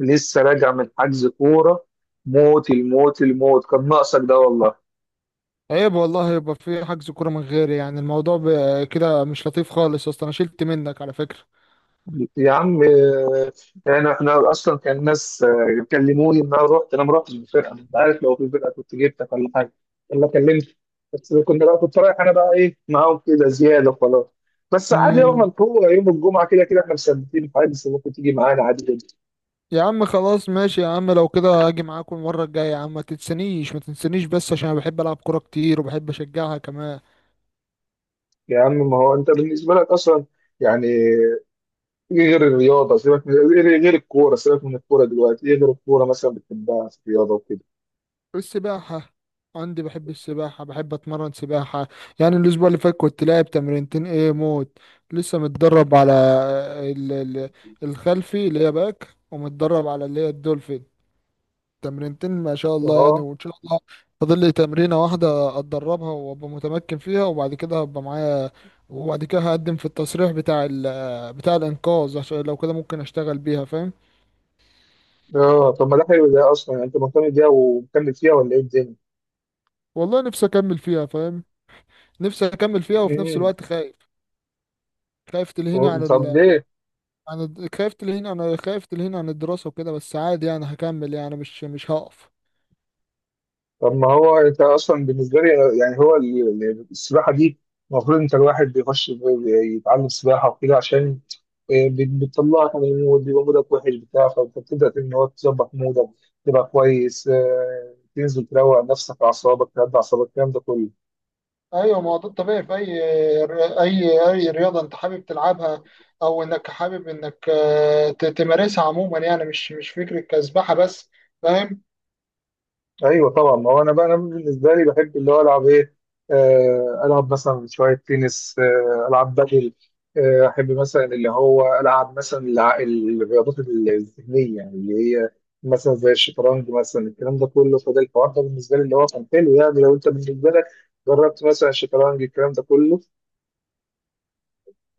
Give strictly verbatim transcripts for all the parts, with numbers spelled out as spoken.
لسه راجع من حجز كورة. موت الموت الموت كان ناقصك ده والله. عيب والله يبقى في حجز كورة من غيري، يعني الموضوع ب- كده مش لطيف خالص يا اسطى، انا شلت منك على فكرة. يا عم، آه، يعني احنا اصلا كان ناس، آه، كلموني ان انا رحت، انا ما رحتش بفرقه. انت عارف لو في فرقه كنت جبتك، ولا حاجه ولا كلمت. بس كنا بقى، كنت رايح انا بقى ايه معاهم كده زياده وخلاص. بس عادي يوم امم القوه يوم الجمعه، كده كده احنا مثبتين حاجه، بس ممكن تيجي معانا عادي جدا. يا عم خلاص ماشي يا عم، لو كده هاجي معاكم المرة الجاية، يا عم ما تنسانيش ما تنسانيش، بس عشان انا بحب العب كورة كتير وبحب اشجعها كمان. يا عم ما هو انت بالنسبه لك اصلا، يعني إيه غير الرياضة؟ سيبك من إيه غير الكورة، سيبك من الكورة دلوقتي. إيه غير الكورة مثلا بتحبها في الرياضة وكده؟ السباحة، عندي بحب السباحة، بحب اتمرن سباحة. يعني الاسبوع اللي فات كنت لاعب تمرينتين ايه موت. لسه متدرب على ال- ال- الخلفي اللي هي باك، ومتدرب على اللي هي الدولفين. تمرينتين ما شاء الله يعني، أه. وان شاء الله فاضل لي تمرينه واحده اتدربها وابقى متمكن فيها، وبعد كده هبقى معايا. وبعد كده هقدم في التصريح بتاع ال بتاع الانقاذ، عشان لو كده ممكن اشتغل بيها، فاهم. أه، طب ما ده حلو ده أصلا. يعني أنت مهتم بيها ومكمل فيها ولا إيه الدنيا؟ والله نفسي اكمل فيها فاهم. نفسي اكمل فيها، وفي نفس مم. الوقت خايف. خايف تلهيني عن طب ال... ليه؟ عن الد- خايف تلهيني عن خايف تلهيني عن الدراسه وكده، بس عادي يعني هكمل، يعني مش مش هقف. طب ما هو أنت أصلا بالنسبة لي، يعني هو ال- ال- السباحة دي، المفروض أنت الواحد بيخش بي- يتعلم سباحة وكده، عشان آه، بت- بتطلعك من المود. بيبقى مودك وحش بتاع، فأنت بتبدأ إن هو تظبط مودك، تبقى كويس، آه، تنزل تروق نفسك، أعصابك تهدى أعصابك، الكلام ده كله. ايوه، ما هو ده الطبيعي في اي اي اي رياضه انت حابب تلعبها، او انك حابب انك آه، ت- تمارسها عموما، يعني مش مش فكره كسبحه بس، فاهم. ايوه طبعا. ما هو انا بقى انا بالنسبه لي بحب اللي هو العب ايه؟ آه، العب مثلا شويه تنس، آه، العب بدل، آه، احب مثلا اللي هو العب مثلا الع- الرياضات الذهنيه، يعني اللي هي مثلا زي الشطرنج مثلا، الكلام ده كله. فده الحوار ده بالنسبه لي اللي هو كان حلو. يعني لو انت بالنسبه لك جربت مثلا الشطرنج، الكلام ده كله.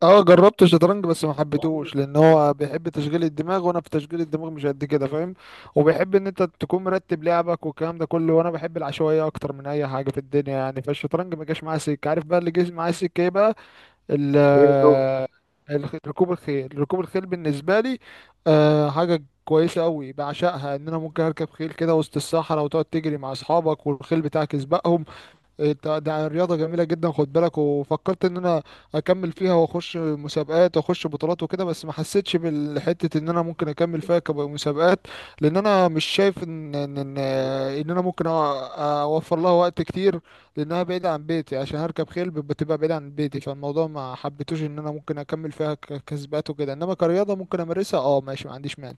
اه جربت الشطرنج، بس ما حبيتهوش لان هو بيحب تشغيل الدماغ وانا في تشغيل الدماغ مش قد كده، فاهم. وبيحب ان انت تكون مرتب لعبك والكلام ده كله، وانا بحب العشوائيه اكتر من اي حاجه في الدنيا يعني، فالشطرنج ما جاش معايا سكه. عارف بقى اللي جه معايا سكه ايه بقى؟ ال- آه، الخ- ركوب الخيل. ركوب الخيل بالنسبة لي آه، حاجة كويسة أوي بعشقها، إن أنا ممكن أركب خيل كده وسط الصحراء وتقعد تجري مع أصحابك والخيل بتاعك يسبقهم. إيه ده، ده رياضة جميلة جدا، خد بالك. وفكرت ان انا اكمل فيها واخش مسابقات واخش بطولات وكده، بس ما حسيتش بالحتة ان انا ممكن اكمل فيها كمسابقات، لان انا مش شايف ان ان ان, إن انا ممكن أ- اوفر لها وقت كتير، لانها بعيدة عن بيتي. عشان هركب خيل بت- بتبقى بعيدة عن بيتي، فالموضوع ما حبيتوش ان انا ممكن اكمل فيها ك- كسبات وكده، انما كرياضة ممكن امارسها، اه ماشي، ما عنديش مانع.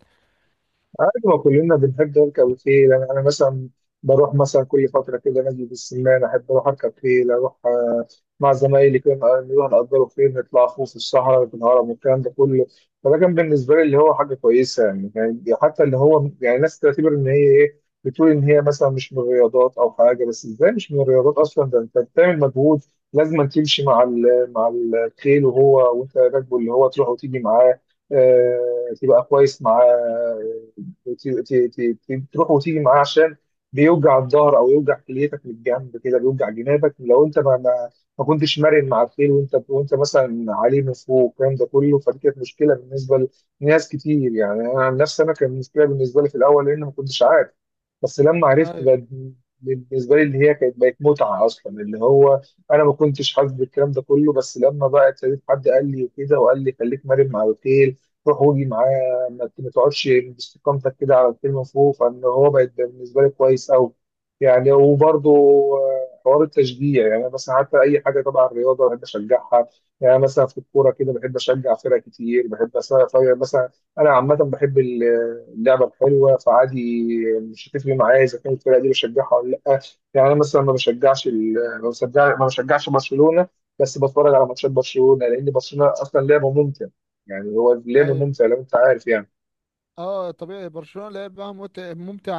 عادي، ما كلنا بنحب نركب الخيل. انا أنا مثلا بروح مثلا كل فتره كده نادي بالسمان، احب اروح اركب خيل. اروح آه، مع زمايلي كده، نق- نروح نأجروا خيل، نطلع خوف في الصحراء في الهرم والكلام ده كله. فده كان بالنسبه لي اللي هو حاجه كويسه. يعني يعني حتى اللي هو يعني ناس تعتبر ان هي ايه، بتقول ان هي مثلا مش من الرياضات او حاجه. بس ازاي مش من الرياضات اصلا؟ ده انت بتعمل مجهود، لازم أن تمشي مع ال- مع الخيل، وهو وانت راكبه اللي هو تروح وتيجي معاه، آه، تبقى كويس معاه، وت- ت- ت- ت- تروح وتيجي معاه، عشان بيوجع الظهر او يوجع كليتك من الجنب كده، بيوجع جنابك لو انت ما ما, ما كنتش مرن مع الخيل، وانت وانت مثلا عليه من فوق والكلام ده كله. فدي كانت مشكله بالنسبه لناس كتير. يعني انا عن نفسي انا كان مشكله بالنسبه لي في الاول لان ما كنتش عارف. بس لما عرفت ايوه، بقى، بالنسبه لي اللي هي كانت بقت متعه اصلا. اللي هو انا ما كنتش حاسس بالكلام ده كله، بس لما بقى ابتديت حد قال لي وكده وقال لي خليك مرن مع الخيل، روح واجي معاه، ما ما تقعدش باستقامتك كده على الكلمه فوق، فان هو بقت بالنسبه لي كويس قوي. يعني وبرضه آه، حوار التشجيع، يعني أنا مثلا حتى اي حاجه تبع الرياضه بحب اشجعها. يعني مثلا في الكوره كده بحب اشجع فرق كتير، بحب أس- فرق- مثلا انا عامه بحب ال- اللعبه الحلوه فعادي. مش هتفرق معايا اذا كانت الفرقه دي بشجعها ولا لا. يعني انا مثلا ما بشجعش ال- ما بشجع- ما بشجعش برشلونه، بس بتفرج على ماتشات برشلونه لان برشلونه اصلا لعبه ممتع. يعني هو لعبه ايوه، ممتع لو انت عارف يعني. اه طبيعي برشلونة لعبها مت- ممتع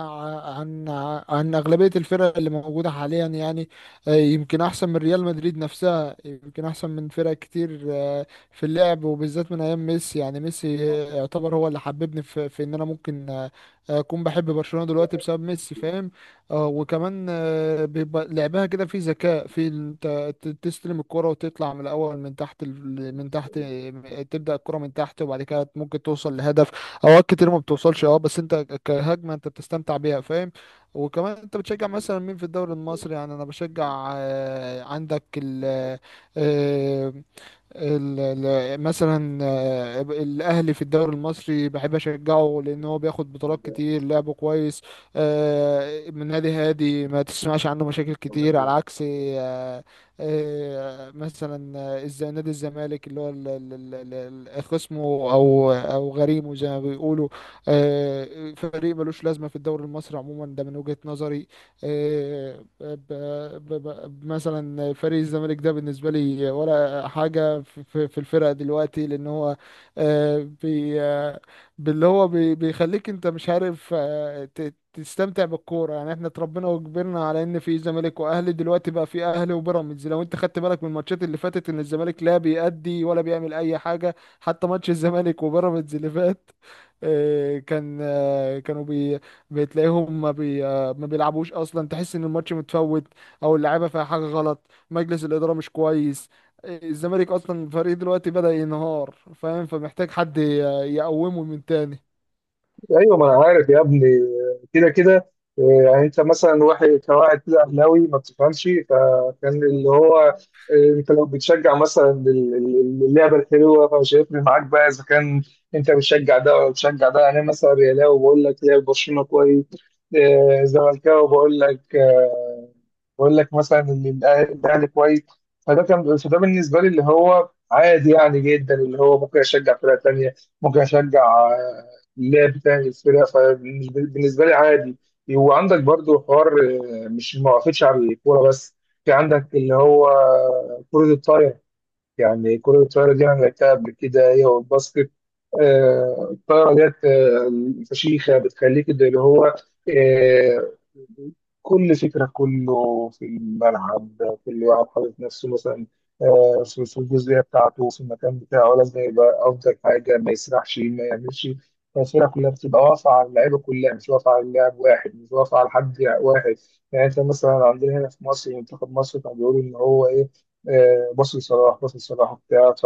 عن عن أغلبية الفرق اللي موجودة حاليا، يعني آه، يمكن أحسن من ريال مدريد نفسها، يمكن أحسن من فرق كتير آه، في اللعب، وبالذات من أيام ميسي. يعني ميسي آه، يعتبر هو اللي حببني في, في إن أنا ممكن آه، أكون بحب برشلونة دلوقتي بسبب ميسي، فاهم. آه، وكمان آه، بيبقى لعبها كده في ذكاء، في أنت ت- تستلم الكرة وتطلع من الأول من تحت ال- من تحت، آه، تبدأ الكرة من تحت وبعد كده ممكن توصل لهدف. اوقات كتير ما بتوصلش اه، بس انت كهجمه انت بتستمتع بيها، فاهم. وكمان انت بتشجع مثلا مين في الدوري المصري؟ يعني انا بشجع آه، عندك ال آه، ال- ال- مثلا آه، الاهلي في الدوري المصري بحب اشجعه، لان هو بياخد بطولات كتير، لعبه كويس آه، من نادي هادي ما تسمعش عنه مشاكل كتير، على عكس آه، آه، مثلا آه، الز- نادي الزمالك اللي هو ال- ال- ال- ال- خصمه او او غريمه زي ما بيقولوا. آه، فريق ملوش لازمه في الدوري المصري عموما، ده من وجهة نظري. آه، ب- ب- ب- مثلا فريق الزمالك ده بالنسبه لي ولا حاجة في في- في الفرقة دلوقتي، لأن هو آه، بي آه، باللي هو بي- بيخليك أنت مش عارف آه، ت- تستمتع بالكورة. يعني احنا اتربينا وكبرنا على ان في زمالك واهلي، دلوقتي بقى في اهلي وبيراميدز. لو انت خدت بالك من الماتشات اللي فاتت، ان الزمالك لا بيأدي ولا بيعمل اي حاجة. حتى ماتش الزمالك وبيراميدز اللي فات آه، كان آه، كانوا بي بتلاقيهم ما بي آه، ما بيلعبوش اصلا، تحس ان الماتش متفوت، او اللعيبه فيها حاجه غلط، مجلس الاداره مش كويس، الزمالك اصلا فريق دلوقتي بدأ ينهار، فاهم. فمحتاج حد ي- يقومه من تاني. ايوه ما انا عارف يا ابني، كده كده. آه، يعني انت مثلا واحد كواحد كده اهلاوي ما بتفهمش، فكان اللي هو آه، انت لو بتشجع مثلا ال- ال- اللعبه الحلوه، فمش هيفرق معاك بقى اذا كان انت بتشجع ده ولا بتشجع ده. يعني انا مثلا ريالاوي بقول لك لعب برشلونه كويس، آه، زملكاوي بقول لك بقول لك مثلا اللي الأه- الاهلي كويس. فده كان، فده بالنسبه لي اللي هو عادي يعني جدا. اللي هو ممكن اشجع فرقه تانيه، ممكن اشجع آه، اللاعب بتاع الفرقه، فبالنسبه لي عادي. وعندك برضو حوار، آه، مش ما وقفتش على الكوره بس، في عندك اللي هو كره الطايره. يعني كرة الطايرة دي أنا لعبتها قبل كده هي والباسكت. آه، الطايرة ديت آه، فشيخة، بتخليك ده اللي هو آه، كل فكرة كله في الملعب. كل واحد حاطط نفسه مثلا آه، في في الجزئية بتاعته في المكان بتاعه، لازم يبقى أفضل حاجة، ما يسرحش ما يعملش. الفرقة كلها بتبقى واقفة على اللعيبة كلها، مش واقفة على لاعب واحد، مش واقفة على حد واحد. يعني أنت مثلا عندنا هنا في مصر منتخب مصر كان بيقول إن هو إيه، آه، باص لصلاح، باص لصلاح وبتاع، ف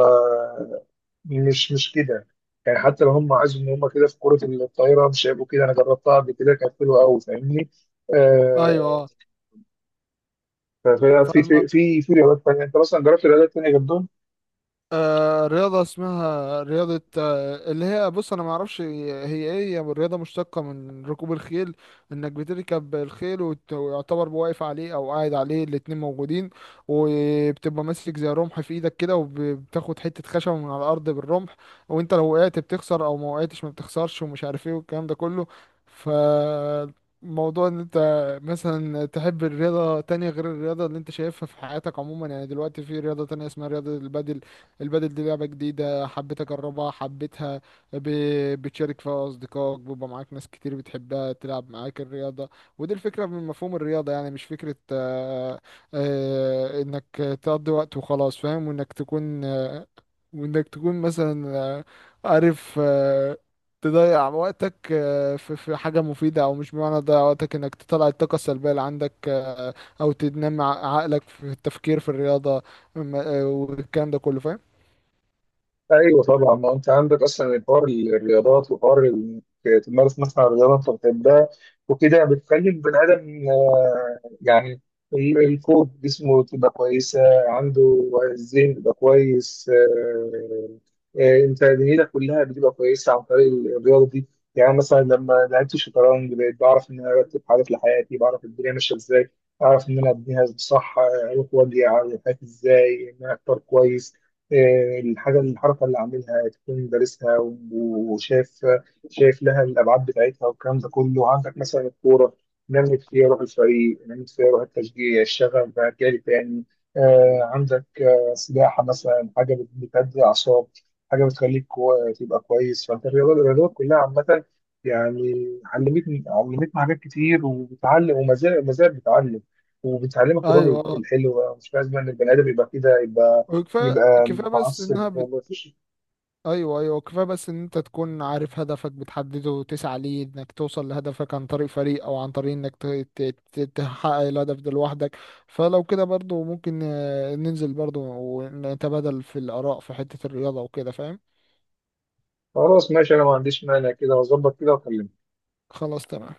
مش مش كده. يعني حتى لو هم عايزوا ان هم كده في كرة الطايرة مش هيبقوا كده. انا جربتها قبل كده كانت حلوة قوي فاهمني؟ آه، ايوه، ف- ف- في فالم- في في في رياضات تانية. انت مثلا جربت رياضات تانية جنبهم؟ آه رياضة اسمها رياضة، آه اللي هي بص أنا معرفش هي هي إيه. هي رياضة مشتقة من ركوب الخيل، إنك بتركب الخيل وت- ويعتبر واقف عليه أو قاعد عليه، الاتنين موجودين، وبتبقى ماسك زي رمح في إيدك كده، وبتاخد حتة خشب من على الأرض بالرمح، وأنت لو وقعت بتخسر، أو ما وقعتش ما بتخسرش، ومش عارف إيه والكلام ده كله. ف موضوع ان انت مثلا تحب الرياضة تانية غير الرياضة اللي انت شايفها في حياتك عموما، يعني دلوقتي في رياضة تانية اسمها رياضة البادل. البادل دي لعبة جديدة حبيت أجربها، حبيتها. ب... بتشارك فيها أصدقائك، بيبقى معاك ناس كتير بتحبها تلعب معاك الرياضة. ودي الفكرة من مفهوم الرياضة، يعني مش فكرة آه، آه، إنك تقضي وقت وخلاص، فاهم. وإنك تكون آه، وإنك تكون مثلا آه، عارف آه، تضيع وقتك آه، في في حاجة مفيدة. أو مش بمعنى تضيع وقتك، إنك تطلع الطاقة السلبية اللي عندك آه، أو تنمي ع- عقلك في التفكير في الرياضة م- آه، والكلام ده كله، فاهم. ايوه طبعا. ما انت عندك اصلا الحوار الرياضات، وحوار انك تمارس مثلا رياضه انت بتحبها، وكده بتخلي البني ادم آه، يعني ال- القوة جسمه تبقى كويسه، عنده الذهن بيبقى كويس. آه، آه، انت دنيتك كلها بتبقى كويسه عن طريق الرياضه دي. يعني مثلا لما لعبت الشطرنج بقيت بعرف ان انا ارتب حاجات لحياتي، بعرف الدنيا ماشيه ازاي، اعرف ان انا ابنيها صح، اروح واجي على حياتي ازاي ان انا اختار كويس. آه، الحاجة الحركة اللي عاملها تكون دارسها، و- وشاف شايف لها الأبعاد بتاعتها والكلام ده كله. عندك مثلا الكورة، نمت فيها روح الفريق، نمت فيها روح التشجيع، الشغف بقى جالي تاني. آه، عندك آه، سباحة مثلا، حاجة بت- بتهدي الأعصاب، حاجة بتخليك كو- تبقى كويس. فأنت الرياضة- الرياضات كلها عامة يعني علمتني علمتني حاجات كتير، وبتعلم. وما زال ما زال بتعلم، وبتعلمك الروح ايوه اه، الحلوة. مش لازم إن البني آدم يبقى كده، يبقى وكفايه يبقى كفايه بس متعصب. انها هو بت... مفيش. ايوه ايوه، كفايه بس ان انت تكون عارف هدفك، بتحدده وتسعى ليه انك توصل لهدفك عن طريق فريق، او عن طريق انك ت... ت... ت... تحقق الهدف ده لوحدك. فلو كده برضو ممكن آه، ننزل برضو ونتبادل في الاراء في حته الرياضه وكده، فاهم. خلاص ماشي، انا ما عنديش مانع كده، هظبط كده واكلمك. خلاص تمام.